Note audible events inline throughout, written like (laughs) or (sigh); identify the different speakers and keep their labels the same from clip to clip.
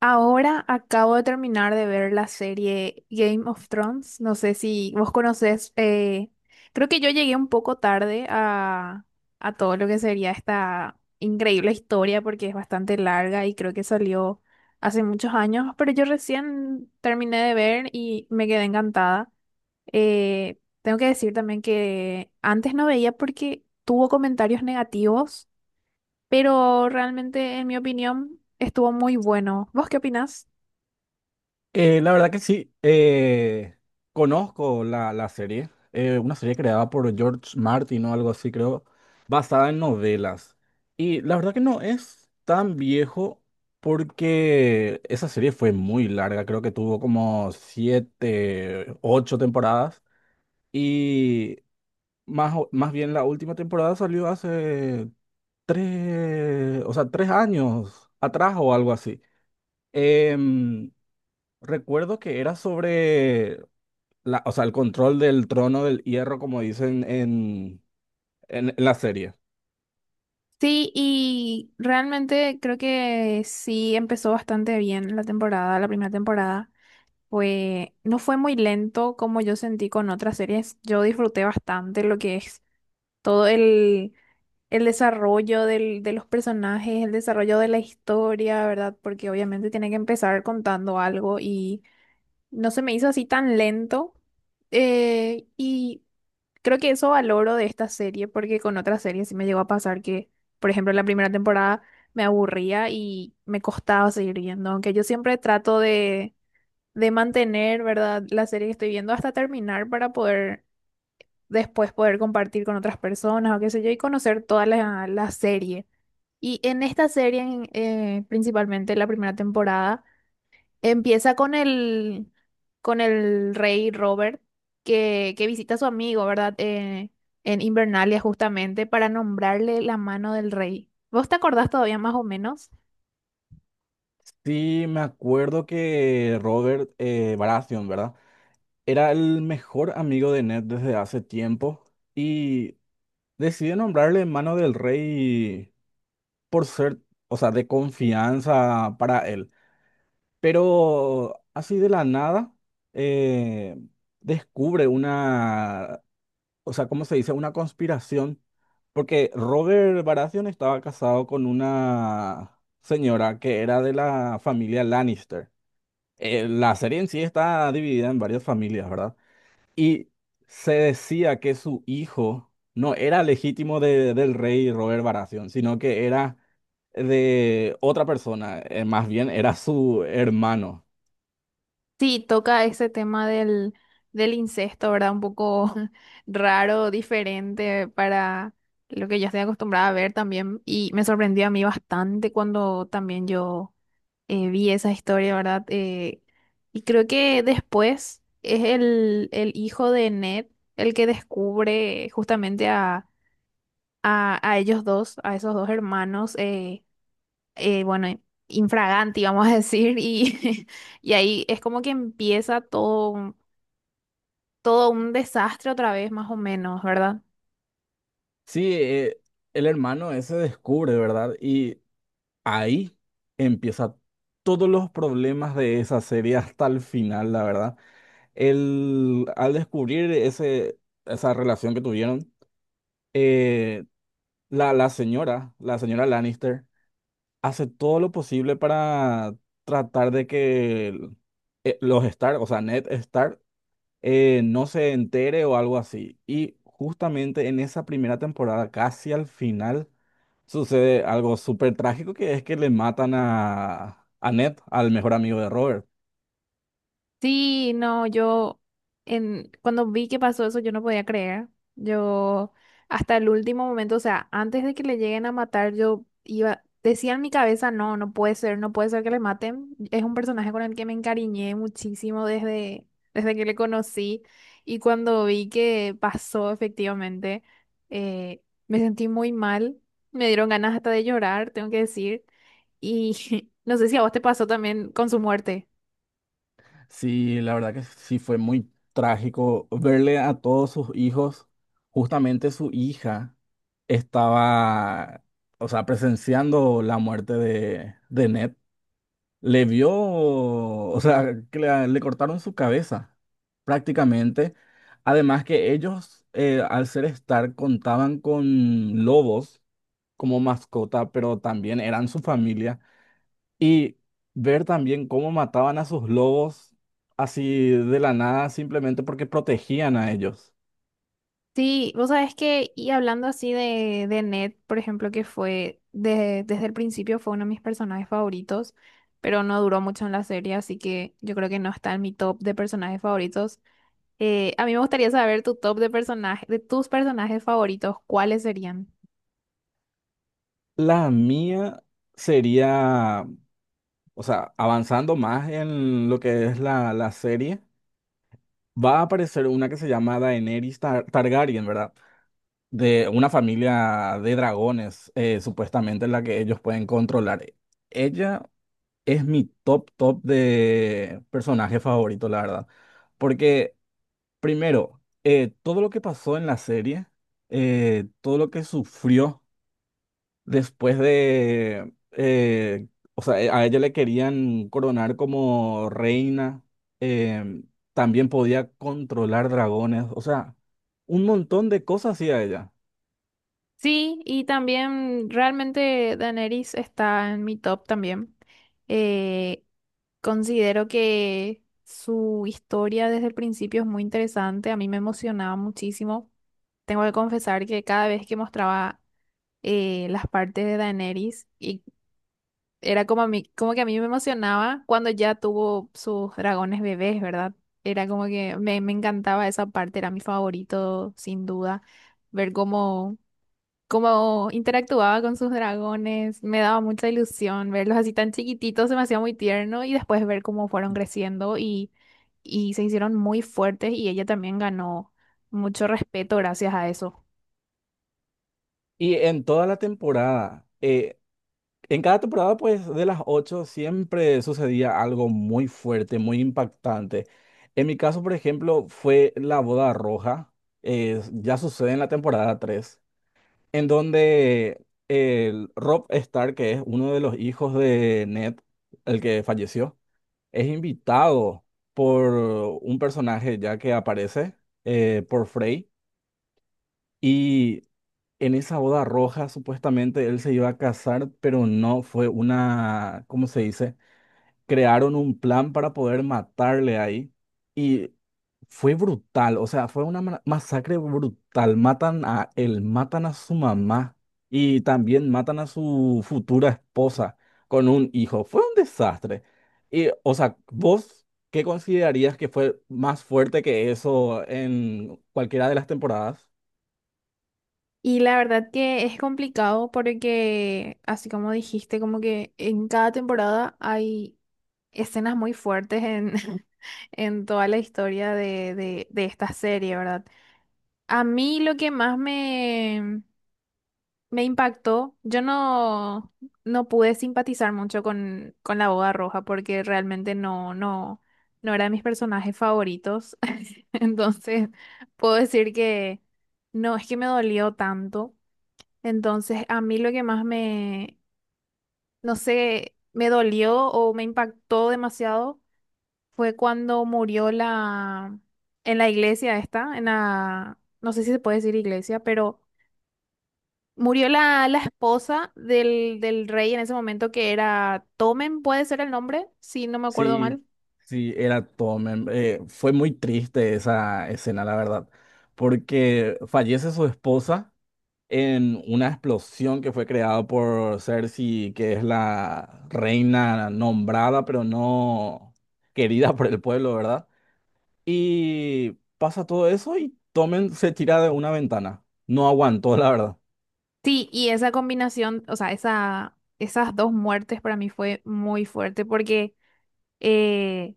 Speaker 1: Ahora acabo de terminar de ver la serie Game of Thrones. No sé si vos conocés, creo que yo llegué un poco tarde a todo lo que sería esta increíble historia porque es bastante larga y creo que salió hace muchos años, pero yo recién terminé de ver y me quedé encantada. Tengo que decir también que antes no veía porque tuvo comentarios negativos, pero realmente en mi opinión estuvo muy bueno. ¿Vos qué opinás?
Speaker 2: La verdad que sí, conozco la serie, una serie creada por George Martin o algo así, creo, basada en novelas. Y la verdad que no es tan viejo porque esa serie fue muy larga, creo que tuvo como siete, ocho temporadas y más, más bien la última temporada salió hace tres, o sea, 3 años atrás o algo así. Em, Recuerdo que era sobre o sea, el control del trono del hierro, como dicen en la serie.
Speaker 1: Sí, y realmente creo que sí empezó bastante bien la temporada, la primera temporada. No fue muy lento como yo sentí con otras series. Yo disfruté bastante lo que es todo el, el desarrollo de los personajes, el desarrollo de la historia, ¿verdad? Porque obviamente tiene que empezar contando algo y no se me hizo así tan lento. Eh, y Creo que eso valoro de esta serie, porque con otras series sí me llegó a pasar que, por ejemplo, la primera temporada me aburría y me costaba seguir viendo, aunque yo siempre trato de mantener, ¿verdad?, la serie que estoy viendo hasta terminar para poder después poder compartir con otras personas o qué sé yo y conocer toda la serie. Y en esta serie, principalmente la primera temporada, empieza con el rey Robert que visita a su amigo, ¿verdad? En Invernalia justamente para nombrarle la mano del rey. ¿Vos te acordás todavía más o menos?
Speaker 2: Sí, me acuerdo que Robert Baratheon, ¿verdad? Era el mejor amigo de Ned desde hace tiempo y decide nombrarle mano del rey por ser, o sea, de confianza para él. Pero así de la nada, eh, descubre una o sea, ¿cómo se dice? Una conspiración, porque Robert Baratheon estaba casado con una señora que era de la familia Lannister. La serie en sí está dividida en varias familias, ¿verdad? Y se decía que su hijo no era legítimo del rey Robert Baratheon, sino que era de otra persona, más bien era su hermano.
Speaker 1: Sí, toca ese tema del incesto, ¿verdad? Un poco (laughs) raro, diferente para lo que yo estoy acostumbrada a ver también. Y me sorprendió a mí bastante cuando también yo vi esa historia, ¿verdad? Y creo que después es el hijo de Ned el que descubre justamente a ellos dos, a esos dos hermanos. Bueno, infraganti, vamos a decir, y, (laughs) y ahí es como que empieza todo, todo un desastre otra vez, más o menos, ¿verdad?
Speaker 2: Sí, el hermano ese descubre, ¿verdad? Y ahí empieza todos los problemas de esa serie hasta el final, la verdad. El, al descubrir ese, esa relación que tuvieron, eh, la señora Lannister, hace todo lo posible para tratar de que los Stark, o sea, Ned Stark, no se entere o algo así. Y justamente en esa primera temporada, casi al final sucede algo súper trágico que es que le matan a Ned, al mejor amigo de Robert.
Speaker 1: Sí, no, yo cuando vi que pasó eso, yo no podía creer. Yo hasta el último momento, o sea, antes de que le lleguen a matar, yo iba, decía en mi cabeza, no, no puede ser, no puede ser que le maten. Es un personaje con el que me encariñé muchísimo desde que le conocí. Y cuando vi que pasó efectivamente, eh, me sentí muy mal. Me dieron ganas hasta de llorar, tengo que decir. Y (laughs) no sé si a vos te pasó también con su muerte.
Speaker 2: Sí, la verdad que sí fue muy trágico verle a todos sus hijos, justamente su hija estaba, o sea, presenciando la muerte de Ned. Le vio, o sea, que le cortaron su cabeza prácticamente. Además que ellos, al ser Stark, contaban con lobos como mascota, pero también eran su familia. Y ver también cómo mataban a sus lobos así de la nada, simplemente porque protegían a ellos.
Speaker 1: Sí, vos sabés que, y hablando así de Ned, por ejemplo, que fue desde el principio fue uno de mis personajes favoritos, pero no duró mucho en la serie, así que yo creo que no está en mi top de personajes favoritos. A mí me gustaría saber tu top de personajes, de tus personajes favoritos, ¿cuáles serían?
Speaker 2: La mía sería, o sea, avanzando más en lo que es la serie. Va a aparecer una que se llama Daenerys Targaryen, ¿verdad? De una familia de dragones, supuestamente en la que ellos pueden controlar. Ella es mi top, top de personaje favorito, la verdad. Porque, primero, todo lo que pasó en la serie, todo lo que sufrió después de, o sea, a ella le querían coronar como reina, eh, también podía controlar dragones, o sea, un montón de cosas hacía ella.
Speaker 1: Sí, y también realmente Daenerys está en mi top también. Eh, Considero que su historia desde el principio es muy interesante, a mí me emocionaba muchísimo. Tengo que confesar que cada vez que mostraba las partes de Daenerys, era como, a mí, como que a mí me emocionaba cuando ya tuvo sus dragones bebés, ¿verdad? Era como que me encantaba esa parte, era mi favorito, sin duda, ver cómo... Como interactuaba con sus dragones, me daba mucha ilusión verlos así tan chiquititos, se me hacía muy tierno y después ver cómo fueron creciendo y se hicieron muy fuertes y ella también ganó mucho respeto gracias a eso.
Speaker 2: Y en toda la temporada, en cada temporada, pues de las ocho, siempre sucedía algo muy fuerte, muy impactante. En mi caso, por ejemplo, fue la boda roja, ya sucede en la temporada 3 en donde el Rob Stark, que es uno de los hijos de Ned, el que falleció, es invitado por un personaje ya que aparece, por Frey, y en esa boda roja supuestamente él se iba a casar, pero no fue una, ¿cómo se dice? Crearon un plan para poder matarle ahí y fue brutal, o sea, fue una masacre brutal. Matan a él, matan a su mamá y también matan a su futura esposa con un hijo. Fue un desastre. Y, o sea, ¿vos qué considerarías que fue más fuerte que eso en cualquiera de las temporadas?
Speaker 1: Y la verdad que es complicado porque, así como dijiste, como que en cada temporada hay escenas muy fuertes en, (laughs) en toda la historia de esta serie, ¿verdad? A mí lo que más me Me impactó. Yo no, No pude simpatizar mucho con la boda roja porque realmente no era de mis personajes favoritos. (laughs) Entonces, puedo decir que no, es que me dolió tanto. Entonces, a mí lo que más no sé, me dolió o me impactó demasiado fue cuando murió en la iglesia esta, en la, no sé si se puede decir iglesia, pero murió la esposa del rey en ese momento que era Tomen, puede ser el nombre, si no me acuerdo mal.
Speaker 2: Sí, sí, era Tommen. Fue muy triste esa escena, la verdad, porque fallece su esposa en una explosión que fue creada por Cersei, que es la reina nombrada, pero no querida por el pueblo, ¿verdad? Y pasa todo eso y Tommen se tira de una ventana. No aguantó, la verdad.
Speaker 1: Sí, y esa combinación, o sea, esa, esas dos muertes para mí fue muy fuerte porque eh,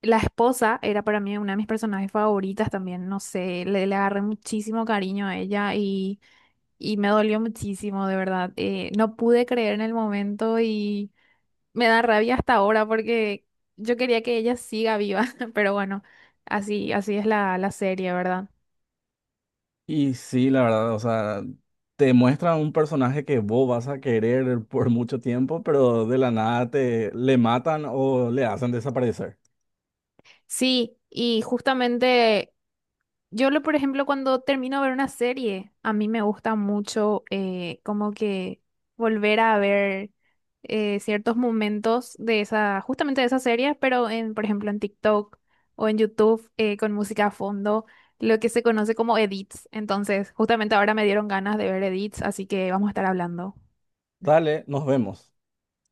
Speaker 1: la esposa era para mí una de mis personajes favoritas también, no sé, le agarré muchísimo cariño a ella y me dolió muchísimo, de verdad. No pude creer en el momento y... Me da rabia hasta ahora porque yo quería que ella siga viva, (laughs) pero bueno, así, así es la serie, ¿verdad?
Speaker 2: Y sí, la verdad, o sea, te muestran un personaje que vos vas a querer por mucho tiempo, pero de la nada te le matan o le hacen desaparecer.
Speaker 1: Sí, y justamente por ejemplo, cuando termino de ver una serie, a mí me gusta mucho como que volver a ver ciertos momentos de esa, justamente de esa serie, pero en, por ejemplo, en TikTok o en YouTube con música a fondo lo que se conoce como edits. Entonces, justamente ahora me dieron ganas de ver edits, así que vamos a estar hablando.
Speaker 2: Dale, nos vemos.